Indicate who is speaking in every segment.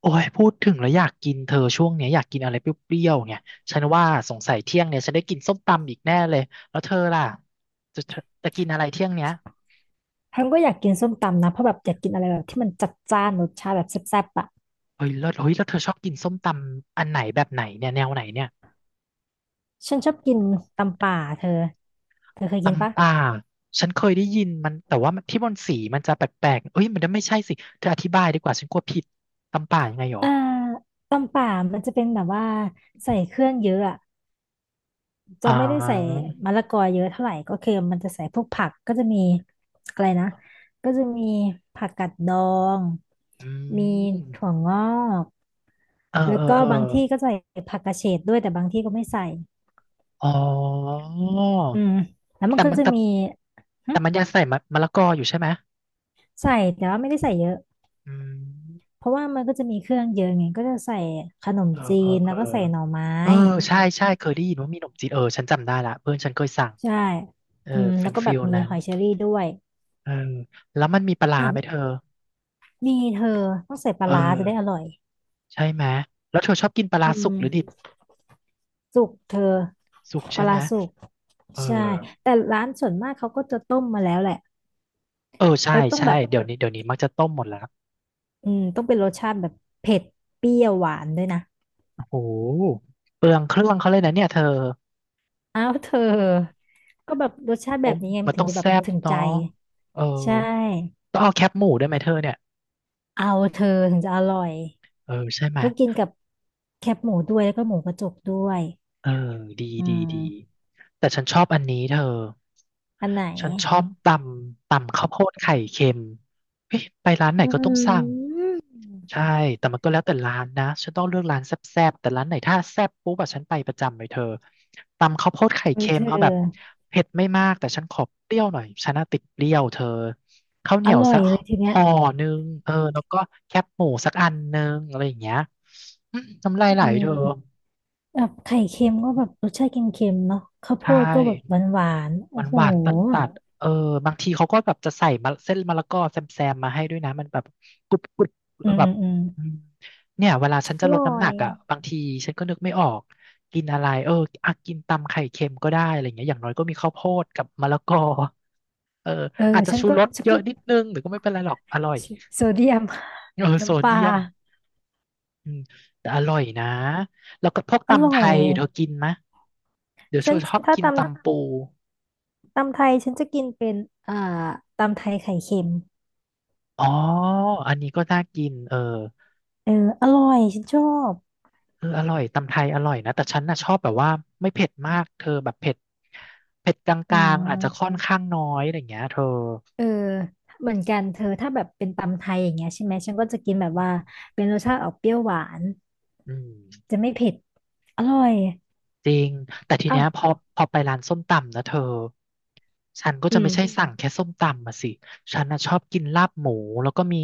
Speaker 1: โอ้ยพูดถึงแล้วอยากกินเธอช่วงเนี้ยอยากกินอะไรเปรี้ยวๆเนี่ยฉันว่าสงสัยเที่ยงเนี่ยฉันได้กินส้มตำอีกแน่เลยแล้วเธอล่ะจะจะจะกินอะไรเที่ยงเนี้ย
Speaker 2: ฉันก็อยากกินส้มตำนะเพราะแบบอยากกินอะไรแบบที่มันจัดจ้านรสชาติแบบแซ่บๆอ่ะ
Speaker 1: เฮ้ยแล้วเธอชอบกินส้มตำอันไหนแบบไหนเนี่ยแนวไหนเนี่ย
Speaker 2: ฉันชอบกินตำป่าเธอเธอเคยกินปะ
Speaker 1: ตำป่าฉันเคยได้ยินมันแต่ว่ามันที่มันสีมันจะแปลกๆเอ้ยมันไม่ใช่สิเธออธิบายดีกว่าฉันกลัวผิดตำป่ายังไงหรอ
Speaker 2: เอ่อตำป่ามันจะเป็นแบบว่าใส่เครื่องเยอะอ่ะจะ
Speaker 1: อ่
Speaker 2: ไม่ได้ใส่
Speaker 1: า
Speaker 2: มะละกอเยอะเท่าไหร่ก็คือมันจะใส่พวกผักก็จะมีอะไรนะก็จะมีผักกาดดอง
Speaker 1: อื
Speaker 2: มีถั่ว
Speaker 1: ม
Speaker 2: งอก
Speaker 1: เออ
Speaker 2: แล้
Speaker 1: เอ
Speaker 2: ว
Speaker 1: อ
Speaker 2: ก็
Speaker 1: เออ
Speaker 2: บางที่ก็ใส่ผักกระเฉดด้วยแต่บางที่ก็ไม่ใส่
Speaker 1: อ๋อ
Speaker 2: อืมแล้วมัน
Speaker 1: แต่
Speaker 2: ก็
Speaker 1: มัน
Speaker 2: จะ
Speaker 1: แต่
Speaker 2: มีหึ
Speaker 1: แต่มันยังใส่มะละกออยู่ใช่ไหม
Speaker 2: ใส่แต่ว่าไม่ได้ใส่เยอะ
Speaker 1: อืม
Speaker 2: เพราะว่ามันก็จะมีเครื่องเยอะไงก็จะใส่ขนม
Speaker 1: เออ
Speaker 2: จี
Speaker 1: เออ
Speaker 2: น
Speaker 1: เอ
Speaker 2: แล้
Speaker 1: อ
Speaker 2: วก็ใส่หน่อไม้
Speaker 1: เออใช่ใช่เคยได้ยินว่ามีขนมจีนเออฉันจำได้ละเพื่อนฉันเคยสั่ง
Speaker 2: ใช่
Speaker 1: เออ
Speaker 2: อืม
Speaker 1: เป็
Speaker 2: แล้
Speaker 1: น
Speaker 2: วก็
Speaker 1: ฟิ
Speaker 2: แบบ
Speaker 1: ล
Speaker 2: มี
Speaker 1: นั้
Speaker 2: ห
Speaker 1: น
Speaker 2: อยเชอรี่ด้วย
Speaker 1: เออแล้วมันมีปลาร้า
Speaker 2: เนี่ย
Speaker 1: ไหมเธอ
Speaker 2: มีเธอต้องใส่ปลา
Speaker 1: เอ
Speaker 2: ร้าจะได้อ
Speaker 1: อ
Speaker 2: ร่อย
Speaker 1: ใช่ไหม แล้วเธอชอบกินปลา
Speaker 2: อื
Speaker 1: ร้าสุก
Speaker 2: ม
Speaker 1: หรือดิบ
Speaker 2: สุกเธอ
Speaker 1: สุ
Speaker 2: ป
Speaker 1: กใช่
Speaker 2: ลา
Speaker 1: ไหม
Speaker 2: ร้าสุก
Speaker 1: เออ
Speaker 2: ใช่แต่ร้านส่วนมากเขาก็จะต้มมาแล้วแหละ
Speaker 1: เออใช่
Speaker 2: แล้วต้องแบ
Speaker 1: ใช่
Speaker 2: บ
Speaker 1: เดี๋ยวนี้มักจะต้มหมดแล้ว
Speaker 2: อืมต้องเป็นรสชาติแบบเผ็ดเปรี้ยวหวานด้วยนะ
Speaker 1: โอ้โหเปลืองเครื่องเขาเลยนะเนี่ยเธอ
Speaker 2: อ้าวเธอก็แบบรสชาติ
Speaker 1: โอ้
Speaker 2: แบบนี้ไง
Speaker 1: มัน
Speaker 2: ถึ
Speaker 1: ต้
Speaker 2: ง
Speaker 1: อง
Speaker 2: จะแบบ
Speaker 1: แซ่บ
Speaker 2: ถึง
Speaker 1: เนาะ
Speaker 2: ใจ
Speaker 1: เออ
Speaker 2: ใช่
Speaker 1: ต้องเอาแคปหมูด้วยไหมเธอเนี่ย
Speaker 2: เอาเธอถึงจะอร่อย
Speaker 1: เออใช่ไหม
Speaker 2: ก็กินกับแคบหมูด้วยแล้วก็หมูกระจกด้วย
Speaker 1: เออดี
Speaker 2: อื
Speaker 1: ดีดี
Speaker 2: ม
Speaker 1: แต่ฉันชอบอันนี้เธอ
Speaker 2: อันไหน
Speaker 1: ฉันชอบตำข้าวโพดไข่เค็มเฮ้ยไปร้านไหน
Speaker 2: อื
Speaker 1: ก็ต้องสั่ง
Speaker 2: ม
Speaker 1: ใช่แต่มันก็แล้วแต่ร้านนะฉันต้องเลือกร้านแซ่บๆแต่ร้านไหนถ้าแซ่บปุ๊บอะฉันไปประจำเลยเธอตำข้าวโพดไข่
Speaker 2: เฮ้ย
Speaker 1: เค็
Speaker 2: เธ
Speaker 1: ม
Speaker 2: อ
Speaker 1: เอาแบบเผ็ดไม่มากแต่ฉันขอเปรี้ยวหน่อยฉันน่ะติดเปรี้ยวเธอข้าวเห
Speaker 2: อ
Speaker 1: นียว
Speaker 2: ร่อ
Speaker 1: สั
Speaker 2: ย
Speaker 1: ก
Speaker 2: เลยทีเนี้ย
Speaker 1: ห่อหนึ่งเออแล้วก็แคบหมูสักอันหนึ่งอะไรอย่างเงี้ยอืมน้ำลายไหล
Speaker 2: อื
Speaker 1: เธอ
Speaker 2: มแบบไข่เค็มก็แบบรสชาติเค็มๆเนาะข้าว
Speaker 1: ใช
Speaker 2: โพดก็แบบ
Speaker 1: ่
Speaker 2: หวานๆ
Speaker 1: ห
Speaker 2: โอ้
Speaker 1: วาน
Speaker 2: โห
Speaker 1: หวานตัดตัดๆเออบางทีเขาก็แบบจะใส่มะเส้นมะละกอแซมแซมมาให้ด้วยนะมันแบบกรุบกรุบ
Speaker 2: อืม
Speaker 1: แบ
Speaker 2: อื
Speaker 1: บ
Speaker 2: มอืม
Speaker 1: อืมเนี่ยเวลาฉัน
Speaker 2: อ
Speaker 1: จะล
Speaker 2: ร่
Speaker 1: ด
Speaker 2: อ
Speaker 1: น้ำหนั
Speaker 2: ย
Speaker 1: กอ่ะบางทีฉันก็นึกไม่ออกกินอะไรเอออ่ะกินตำไข่เค็มก็ได้อะไรเงี้ยอย่างน้อยก็มีข้าวโพดกับมะละกอเออ
Speaker 2: เออ
Speaker 1: อาจจะ
Speaker 2: ฉัน
Speaker 1: ชู
Speaker 2: ก็
Speaker 1: รส
Speaker 2: ฉัน
Speaker 1: เย
Speaker 2: ก็
Speaker 1: อะนิดนึงแต่ก็ไม่เป็นไรหรอกอร่อย
Speaker 2: โซเดียม
Speaker 1: เออ โซ
Speaker 2: น้ำปลา
Speaker 1: เดียมอืมแต่อร่อยนะแล้วก็พวก
Speaker 2: อร่
Speaker 1: ตำ
Speaker 2: อ
Speaker 1: ไท
Speaker 2: ย
Speaker 1: ยเธอกินไหมะเดี๋ยวโช
Speaker 2: ฉัน
Speaker 1: ชอบ
Speaker 2: ถ้า
Speaker 1: กิน
Speaker 2: ต
Speaker 1: ตำปู
Speaker 2: ำตำไทยฉันจะกินเป็นอ่าตำไทยไข่เค็ม
Speaker 1: อ๋ออันนี้ก็น่ากินเออ
Speaker 2: เอออร่อย ฉันชอบ
Speaker 1: เอออร่อยตำไทยอร่อยนะแต่ฉันน่ะชอบแบบว่าไม่เผ็ดมากเธอแบบเผ็ดก
Speaker 2: อื
Speaker 1: ลางๆอาจจะค่อ
Speaker 2: ม
Speaker 1: นข้างน้อยอะไรอย่างเงี้ยเธอ
Speaker 2: เออเหมือนกันเธอถ้าแบบเป็นตำไทยอย่างเงี้ยใช่ไหมฉันก็จะกินแบบว่าเป็นรสชาติออกเปรี้ยวหวาน
Speaker 1: อืม
Speaker 2: จะไม่เผ็ดอร่อย
Speaker 1: จริงแต่ที
Speaker 2: อ้า
Speaker 1: เนี้
Speaker 2: ว
Speaker 1: ยพอไปร้านส้มตำนะเธอฉันก็
Speaker 2: อื
Speaker 1: จะไม่ใช่
Speaker 2: ม
Speaker 1: สั่งแค่ส้มตำมาสิฉันน่ะชอบกินลาบหมูแล้วก็มี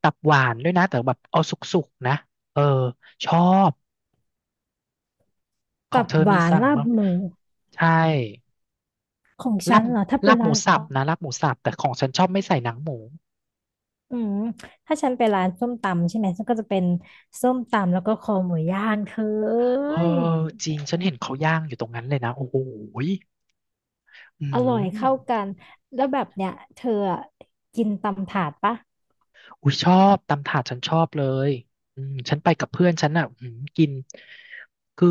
Speaker 1: ตับหวานด้วยนะแต่แบบเอาสุกๆนะเออชอบขอ
Speaker 2: ตั
Speaker 1: ง
Speaker 2: บ
Speaker 1: เธอ
Speaker 2: ห
Speaker 1: มี
Speaker 2: วาน
Speaker 1: สั่ง
Speaker 2: ลาบ
Speaker 1: มั้าง
Speaker 2: หมู
Speaker 1: ใช่
Speaker 2: ของ
Speaker 1: ลา
Speaker 2: ฉัน
Speaker 1: บ
Speaker 2: เหรอถ้าไป
Speaker 1: ลาบห
Speaker 2: ร้า
Speaker 1: มู
Speaker 2: น
Speaker 1: สับนะลาบหมูสับแต่ของฉันชอบไม่ใส่หนังหมู
Speaker 2: อืมถ้าฉันไปร้านส้มตำใช่ไหมฉันก็จะเป็นส้มตำแล้วก็คอหมูย่างเธอเอ้
Speaker 1: เอ
Speaker 2: ย
Speaker 1: อจริงฉันเห็นเขาย่างอยู่ตรงนั้นเลยนะโอ้โหยอื
Speaker 2: อร่อยเข้า
Speaker 1: ม
Speaker 2: กันแล้วแบบเนี้ยเธออะกินตำถาดปะ
Speaker 1: อุ้ยชอบตำถาดฉันชอบเลยอืมฉันไปกับเพื่อนฉันอ่ะอืมกินคือ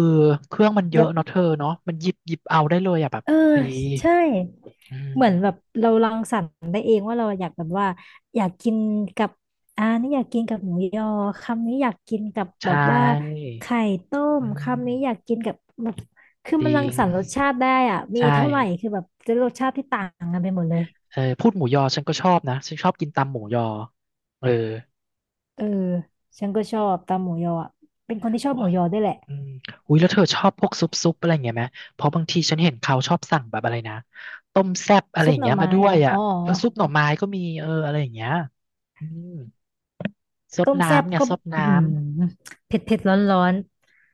Speaker 1: เครื่องมันเย
Speaker 2: อย่า
Speaker 1: อะเนาะเธอเนาะมันหยิบเอาได้เลยอ่ะแบบ
Speaker 2: เออ
Speaker 1: ดี
Speaker 2: ใช่
Speaker 1: อืม
Speaker 2: เหมือนแบบเรารังสรรค์ได้เองว่าเราอยากแบบว่าอยากกินกับอ่านี่อยากกินกับหมูยอคำนี้อยากกินกับแบ
Speaker 1: ใช่
Speaker 2: บว่าไข่ต้ม
Speaker 1: อื
Speaker 2: คำนี้อยา
Speaker 1: ม
Speaker 2: กกินกับแบบคือ
Speaker 1: จ
Speaker 2: มัน
Speaker 1: ริ
Speaker 2: รัง
Speaker 1: ง
Speaker 2: สรรค์รสชาติได้อ่ะมี
Speaker 1: ใช่
Speaker 2: เท่าไหร่คือแบบจะรสชาติที่ต่างกันไปหมดเลย
Speaker 1: เออพูดหมูยอฉันก็ชอบนะฉันชอบกินตำหมูยอเออ
Speaker 2: เออฉันก็ชอบตำหมูยออะเป็นคนที่ชอ
Speaker 1: โอ้
Speaker 2: บหมู
Speaker 1: ย
Speaker 2: ยอด้วยแหละ
Speaker 1: อืมอุ้ยแล้วเธอชอบพวกซุปอะไรอย่างเงี้ยไหม เพราะบางทีฉันเห็นเขาชอบสั่งแบบอะไรนะ ต้มแซ่บอะไร
Speaker 2: ซุ
Speaker 1: อ
Speaker 2: ป
Speaker 1: ย่าง
Speaker 2: หน่
Speaker 1: เงี้
Speaker 2: อ
Speaker 1: ยมา
Speaker 2: ไม้
Speaker 1: ด้วย
Speaker 2: แล้ว
Speaker 1: อ่ะ
Speaker 2: อ๋อ
Speaker 1: เออซุปหน่อไม้ก็มีเอออะไรอย่างเงี้ยอืมซด
Speaker 2: ต้มแซ่บ
Speaker 1: น้ำเนี่ย
Speaker 2: ก็
Speaker 1: ซด
Speaker 2: อื้อ
Speaker 1: น้
Speaker 2: หือเผ็ดเผ็ดร้อนร้อน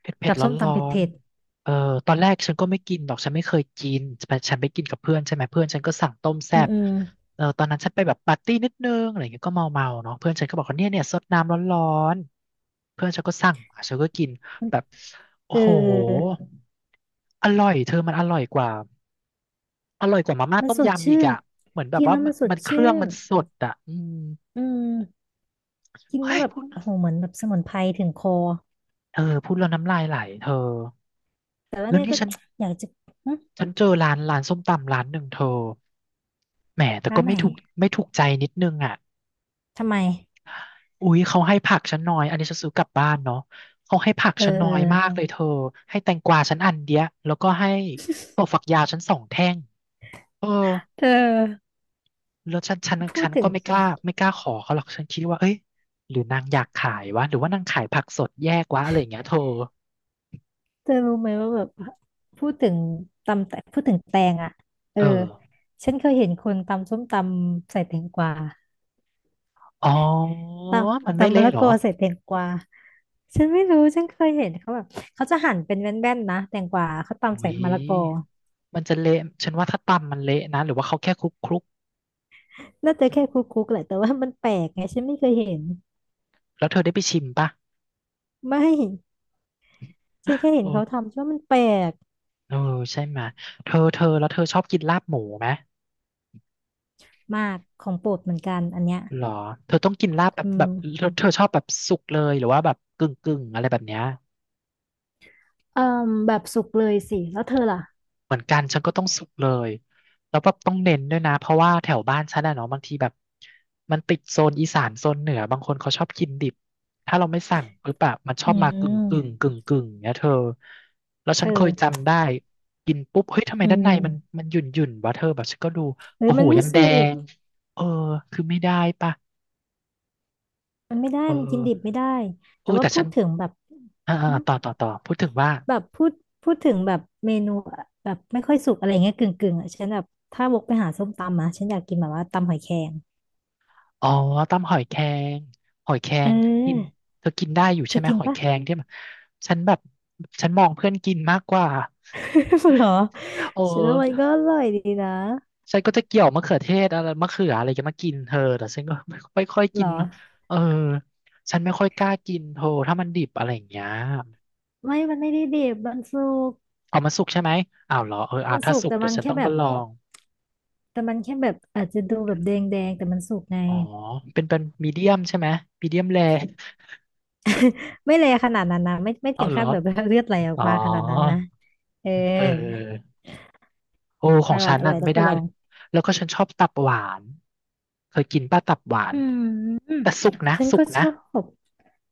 Speaker 1: เผ็ดเผ็ด
Speaker 2: กับ
Speaker 1: ร้อ
Speaker 2: ส้
Speaker 1: น
Speaker 2: ม
Speaker 1: ร้อ
Speaker 2: ตำเผ็ด
Speaker 1: น
Speaker 2: เผ็ด
Speaker 1: ๆเออตอนแรกฉันก็ไม่กินหรอกฉันไม่เคยกินแต่ฉันไปกินกับเพื่อนใช่ไหมเพื่อนฉันก็สั่งต้มแซ่
Speaker 2: อืม
Speaker 1: บ
Speaker 2: อืม
Speaker 1: เออตอนนั้นฉันไปแบบปาร์ตี้นิดนึงอะไรอย่างเงี้ยก็เมาเนาะเพื่อนฉันก็บอกว่าเนี่ยซดน้ำร้อนร้อนเพื่อนฉันก็สั่งมาฉันก็กินแบบโอ้
Speaker 2: เ
Speaker 1: โห
Speaker 2: ออ
Speaker 1: อร่อยเธอมันอร่อยกว่าอร่อยกว่ามาม่า
Speaker 2: มัน
Speaker 1: ต้ม
Speaker 2: สด
Speaker 1: ยำอีก
Speaker 2: ชื่น
Speaker 1: อ่ะเหมือนแบบ
Speaker 2: กิน
Speaker 1: ว่า
Speaker 2: แล้ว
Speaker 1: มั
Speaker 2: มั
Speaker 1: น
Speaker 2: นสด
Speaker 1: มันเครื่อ
Speaker 2: ชื่
Speaker 1: ง
Speaker 2: น
Speaker 1: มันสดอ่ะอืม
Speaker 2: อืม กิน
Speaker 1: เฮ้
Speaker 2: แล้ว
Speaker 1: ย
Speaker 2: แบบ
Speaker 1: พูด
Speaker 2: โอ้โหเหมือนแบบสมุนไพรถึงคอ
Speaker 1: เออพูดแล้วน้ำลายไหลเธอ
Speaker 2: แต่ว่า
Speaker 1: แล้ว
Speaker 2: เนี่ย
Speaker 1: นี่
Speaker 2: ก็
Speaker 1: ฉัน
Speaker 2: อยากจะหึ
Speaker 1: ฉันเจอร้านส้มตำร้านหนึ่งเธอแหมแต่
Speaker 2: ร้า
Speaker 1: ก็
Speaker 2: นไหน
Speaker 1: ไม่ถูกใจนิดนึงอ่ะ
Speaker 2: ทำไม
Speaker 1: อุ๊ยเขาให้ผักฉันน้อยอันนี้ฉันซื้อกลับบ้านเนาะเขาให้ผัก
Speaker 2: เออ
Speaker 1: ฉันน้
Speaker 2: เอ
Speaker 1: อ
Speaker 2: อ
Speaker 1: ยมากเลยเธอให้แตงกวาฉันอันเดียวแล้วก็ให้ถั่วฝักยาวฉันสองแท่งเออ
Speaker 2: เธอ
Speaker 1: แล้วฉันฉัน
Speaker 2: พู
Speaker 1: ฉั
Speaker 2: ด
Speaker 1: น
Speaker 2: ถึ
Speaker 1: ก็
Speaker 2: ง
Speaker 1: ไม่กล้าขอเขาหรอกฉันคิดว่าเอ้ยหรือนางอยากขายวะหรือว่านางขายผักสดแยกวะอะไรอย่างเงี้ยเธอ
Speaker 2: เธอรู้ไหมว่าแบบพูดถึงตำแตพูดถึงแตงอ่ะเออ
Speaker 1: เออ
Speaker 2: ฉันเคยเห็นคนตำส้มตำใส่แตงกวา
Speaker 1: อ๋อ
Speaker 2: ต
Speaker 1: มัน
Speaker 2: ำ
Speaker 1: ไม่
Speaker 2: ตำมะ
Speaker 1: เละ
Speaker 2: ละ
Speaker 1: เหรอ
Speaker 2: กอใส่แตงกวาฉันไม่รู้ฉันเคยเห็นเขาแบบเขาจะหั่นเป็นแว่นๆนะแตงกวาเขาตำใส่
Speaker 1: อุ้ย
Speaker 2: มะละกอ
Speaker 1: มันจะเละฉันว่าถ้าตำมันเละนะหรือว่าเขาแค่คลุกคลุก
Speaker 2: น่าจะแค่คุกคุกแหละแต่ว่ามันแปลกไงฉันไม่เคยเห็น
Speaker 1: แล้วเธอได้ไปชิมปะ
Speaker 2: ไม่ฉันแค่เห็น
Speaker 1: โอ้
Speaker 2: เขาทำฉันว่ามันแปลก
Speaker 1: เออใช่ไหมยเธอแล้วเธอชอบกินลาบหมูไหม
Speaker 2: มากของโปรดเหมือนกันอันเนี้ย
Speaker 1: หรอเธอต้องกินลาบแบบ
Speaker 2: อื
Speaker 1: แบ
Speaker 2: ม
Speaker 1: บเธอชอบแบบสุกเลยหรือว่าแบบกึ่งกึ่งอะไรแบบเนี้ย
Speaker 2: เอ่มแบบสุกเลยสิแล้วเธอล่ะ
Speaker 1: เหมือนกันฉันก็ต้องสุกเลย แล้วแบบต้องเน้นด้วยนะ เพราะว่าแถวบ้านฉันอะเนาะบางทีแบบมันติดโซนอีสานโซนเหนือ บางคนเขาชอบกินดิบ ถ้าเราไม่สั่งปุ๊บอะมันชอ
Speaker 2: อื
Speaker 1: บมากึ่งกึ่ง
Speaker 2: ม
Speaker 1: กึ่งกึ่งเนี้ยเธอ แล้ว
Speaker 2: เธ
Speaker 1: ฉันเค
Speaker 2: อ
Speaker 1: ยจำได้กินปุ๊บ เฮ้ย ทำไม
Speaker 2: อื
Speaker 1: ด้านในมัน
Speaker 2: ม
Speaker 1: มันหยุ่นหยุ่นวะเธอแบบฉันก็ดู
Speaker 2: เฮ้ย
Speaker 1: โอ้โห
Speaker 2: มันไม่
Speaker 1: ยังแด
Speaker 2: สุก
Speaker 1: ง เออคือไม่ได้ปะ
Speaker 2: มันไม่ได้
Speaker 1: เอ
Speaker 2: มันกิน
Speaker 1: อ
Speaker 2: ดิบไม่ได้
Speaker 1: เอ
Speaker 2: แต่
Speaker 1: อ
Speaker 2: ว่า
Speaker 1: แต่
Speaker 2: พู
Speaker 1: ฉัน
Speaker 2: ดถึงแบบหึ
Speaker 1: ต่อต่อต่อพูดถึงว่า
Speaker 2: แบบพูดถึงแบบเมนูอะแบบไม่ค่อยสุกอะไรเงี้ยกึ่งกึ่งอ่ะฉันแบบถ้าวกไปหาส้มตำอ่ะฉันอยากกินแบบว่าตำหอยแครง
Speaker 1: อ๋อตำหอยแครงหอยแคร
Speaker 2: เ
Speaker 1: งกิน
Speaker 2: ออ
Speaker 1: เธอกินได้อยู่
Speaker 2: เธ
Speaker 1: ใช่
Speaker 2: อ
Speaker 1: ไหม
Speaker 2: กิน
Speaker 1: หอย
Speaker 2: ปะ
Speaker 1: แครงที่แบบฉันแบบฉันมองเพื่อนกินมากกว่า
Speaker 2: เหรอ
Speaker 1: เอ
Speaker 2: ฉันว่า
Speaker 1: อ
Speaker 2: มันก็อร่อยดีนะ
Speaker 1: ฉันก็จะเกี่ยวมะเขือเทศอะไรมะเขืออะไรจะมากินเธอแต่ฉันก็ไม่ค่อย
Speaker 2: เหร
Speaker 1: กิ
Speaker 2: อ
Speaker 1: นเออฉันไม่ค่อยกล้ากินเธอถ้ามันดิบอะไรอย่างเงี้ย
Speaker 2: ไม่มันไม่ได้ดิบมันสุก
Speaker 1: เอามาสุกใช่ไหมอ้าวเหรอเอออ่ะ
Speaker 2: มัน
Speaker 1: ถ้า
Speaker 2: สุก
Speaker 1: สุก
Speaker 2: แต่
Speaker 1: เดี๋ย
Speaker 2: มั
Speaker 1: ว
Speaker 2: น
Speaker 1: ฉัน
Speaker 2: แค่
Speaker 1: ต้อง
Speaker 2: แบ
Speaker 1: มา
Speaker 2: บ
Speaker 1: ลอง
Speaker 2: แต่มันแค่แบบอาจจะดูแบบแดงแดงแต่มันสุกไง
Speaker 1: อ๋อเป็นมีเดียมใช่ไหมมีเดียมแร
Speaker 2: ไม่เลยขนาดนั้นนะไม่ไม่
Speaker 1: เอา
Speaker 2: ถึง
Speaker 1: เหร
Speaker 2: ขั้
Speaker 1: อ
Speaker 2: นแบบเลือดไหลออก
Speaker 1: อ๋อ
Speaker 2: มาขนาดนั้นนะเออ
Speaker 1: เออ โอ้ข
Speaker 2: อ
Speaker 1: อง
Speaker 2: ร่อ
Speaker 1: ฉั
Speaker 2: ย
Speaker 1: น
Speaker 2: อร่
Speaker 1: น่ะ
Speaker 2: อยต้อ
Speaker 1: ไม่
Speaker 2: งไป
Speaker 1: ได้
Speaker 2: ลอง
Speaker 1: แล้วก็ฉันชอบตับหวานเคยกินป้าตับหวาน
Speaker 2: อืม
Speaker 1: แต่สุกนะ
Speaker 2: ฉัน
Speaker 1: สุก
Speaker 2: ก็ช
Speaker 1: นะ
Speaker 2: อบ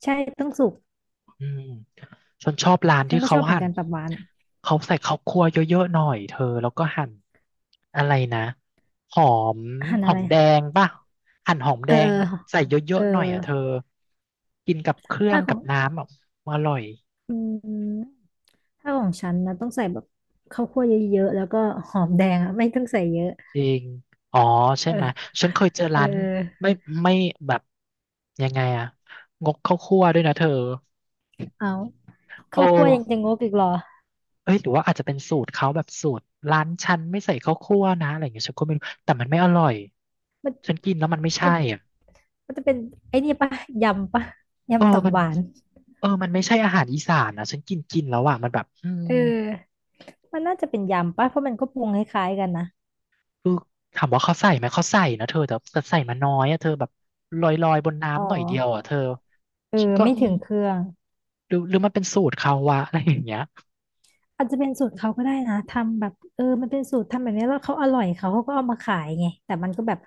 Speaker 2: ใช่ต้องสุก
Speaker 1: อืมฉันชอบร้าน
Speaker 2: ฉัน
Speaker 1: ที่
Speaker 2: ก็ช
Speaker 1: เขา
Speaker 2: อบเหมือ
Speaker 1: หั่
Speaker 2: นกั
Speaker 1: น
Speaker 2: นตับหวานอะ
Speaker 1: เขาใส่ข้าวคั่วเยอะๆหน่อยเธอแล้วก็หั่นอะไรนะหอม
Speaker 2: อาหาร
Speaker 1: หอ
Speaker 2: อะไร
Speaker 1: มแดงป่ะหั่นหอม
Speaker 2: เอ
Speaker 1: แด
Speaker 2: อ
Speaker 1: งใส่เย
Speaker 2: เออเอ
Speaker 1: อะๆหน่อยอ่ะเธอ
Speaker 2: อ
Speaker 1: กินกับเครื่อ
Speaker 2: ถ้า
Speaker 1: ง
Speaker 2: ขอ
Speaker 1: กับ
Speaker 2: ง
Speaker 1: น้ำอ่ะอร่อย
Speaker 2: อืม ถ้าของฉันนะต้องใส่แบบข้าวคั่วเยอะๆแล้วก็หอมแดงอ่ะไม่ต้องใส่เยอะ
Speaker 1: จริงอ๋อใช่
Speaker 2: เออ
Speaker 1: ไหมฉันเคยเจอ
Speaker 2: เออ
Speaker 1: ร้านไม่
Speaker 2: เออ
Speaker 1: ไม่แบบยังไงอะงกข้าวคั่วด้วยนะเธอ
Speaker 2: เอา
Speaker 1: โอ้
Speaker 2: ข้าวคั่วยังจะงกอีกเหรอ
Speaker 1: เอ้ยหรือว่าอาจจะเป็นสูตรเขาแบบสูตรร้านฉันไม่ใส่ข้าวคั่วนะอะไรอย่างเงี้ยฉันก็ไม่รู้แต่มันไม่อร่อย
Speaker 2: มัน
Speaker 1: ฉันกินแล้วมันไม่ใช่
Speaker 2: มัน
Speaker 1: อ่ะ
Speaker 2: มันจะเป็นไอ้นี่ปะยำปะ
Speaker 1: เออ
Speaker 2: ยำตับ
Speaker 1: มัน
Speaker 2: หวาน
Speaker 1: เออมันไม่ใช่อาหารอีสานนะฉันกินกินแล้วอ่ะมันแบบอืม
Speaker 2: เออมันน่าจะเป็นยำปะเพราะมันก็ปรุงคล้ายๆกันนะ
Speaker 1: คือถามว่าเขาใส่ไหมเขาใส่นะเธอแต่ใส่มาน้อยอ่ะเธอแบบลอยลอยบน
Speaker 2: อ๋อ
Speaker 1: น้ำหน่อยเดียวอ่ะเธอ
Speaker 2: เออ
Speaker 1: ฉันก็
Speaker 2: ไม่
Speaker 1: อื
Speaker 2: ถึ
Speaker 1: ม
Speaker 2: งเครื่อง
Speaker 1: หรือมันเป็นสูตรเขาวะอะไรอย่างเงี้ย
Speaker 2: อาจจะเป็นสูตรเขาก็ได้นะทำแบบเออมันเป็นสูตรทำแบบนี้แล้วเขาอร่อยเขาก็เอามาขายไงแต่มันก็แบบ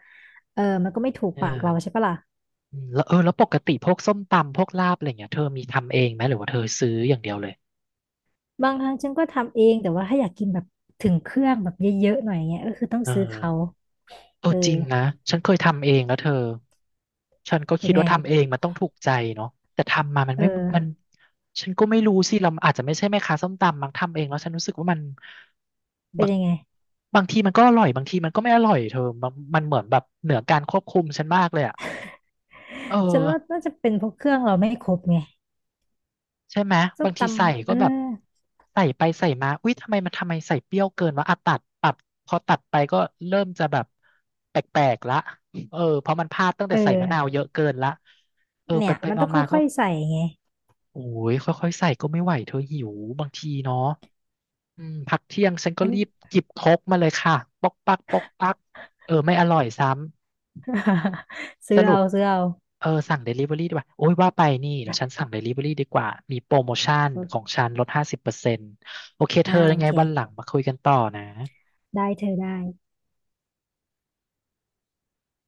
Speaker 2: เออมันก็ไม่ถูก
Speaker 1: เอ
Speaker 2: ปากเราใช่
Speaker 1: อ
Speaker 2: ปะล่ะ
Speaker 1: อืมแล้วเออแล้วปกติพวกส้มตำพวกลาบอะไรเงี้ยเธอมีทำเองไหมหรือว่าเธอซื้ออย่างเดียวเลย
Speaker 2: บางครั้งฉันก็ทำเองแต่ว่าถ้าอยากกินแบบถึงเครื่องแบบเยอะๆหน่อยเงี้ยก็คือต้อง
Speaker 1: เอ
Speaker 2: ซื้อเขา
Speaker 1: อเอ
Speaker 2: เอ
Speaker 1: อ
Speaker 2: อ
Speaker 1: จริงนะฉันเคยทำเองแล้วเธอฉันก็
Speaker 2: เป็
Speaker 1: คิ
Speaker 2: น
Speaker 1: ด
Speaker 2: ไง
Speaker 1: ว่าทำเองมันต้องถูกใจเนาะแต่ทำมามัน
Speaker 2: เอ
Speaker 1: ไม่มัน
Speaker 2: อ
Speaker 1: ฉันก็ไม่รู้สิเราอาจจะไม่ใช่แม่ค้าส้มตำมั้งทำเองแล้วฉันรู้สึกว่ามัน
Speaker 2: เป็น
Speaker 1: บาง
Speaker 2: ยังไง
Speaker 1: บางทีมันก็อร่อยบางทีมันก็ไม่อร่อยเธอมันมันเหมือนแบบเหนือการควบคุมฉันมากเลยอ่ะเออ
Speaker 2: ฉันว่าน่าจะเป็นเพวกเครื่องเราไม่ครบไง
Speaker 1: ใช่ไหม
Speaker 2: ส้
Speaker 1: บา
Speaker 2: ม
Speaker 1: ง
Speaker 2: ต
Speaker 1: ทีใส่
Speaker 2: ำเอ
Speaker 1: ก็
Speaker 2: อ
Speaker 1: แบบใส่ไปใส่มาอุ้ยทำไมมันทำไมใส่เปรี้ยวเกินวะอ่ะตัดปรับพอตัดไปก็เริ่มจะแบบแปลกๆละเออเพราะมันพลาดตั้งแต่
Speaker 2: เออ
Speaker 1: ใส่มะนาวเยอะเกินละเออไป
Speaker 2: เนี่ย
Speaker 1: ไป
Speaker 2: มันต้
Speaker 1: มา
Speaker 2: อง
Speaker 1: มาก็
Speaker 2: ค่อยๆใส่ไง
Speaker 1: โอ้ยค่อยๆใส่ก็ไม่ไหวเธอหิวบางทีเนาะอืมพักเที่ยงฉันก็
Speaker 2: อัน
Speaker 1: รีบจิบโคกมาเลยค่ะปอกปักปอกปักเออไม่อร่อยซ้ำ ส
Speaker 2: ซื้อ
Speaker 1: รุ
Speaker 2: เอา
Speaker 1: ป
Speaker 2: ซื้อเอา
Speaker 1: เออสั่ง Delivery ดีกว่าโอ้ยว่าไปนี่เดี๋ยว
Speaker 2: นะ
Speaker 1: ฉันสั่ง Delivery ดีกว่า มีโปรโมชั่นของฉันลด50%โอเคเธ
Speaker 2: อ่า
Speaker 1: อยั
Speaker 2: โอ
Speaker 1: งไง
Speaker 2: เค
Speaker 1: วันหลังมาคุยกันต่อนะ
Speaker 2: ได้เธอได้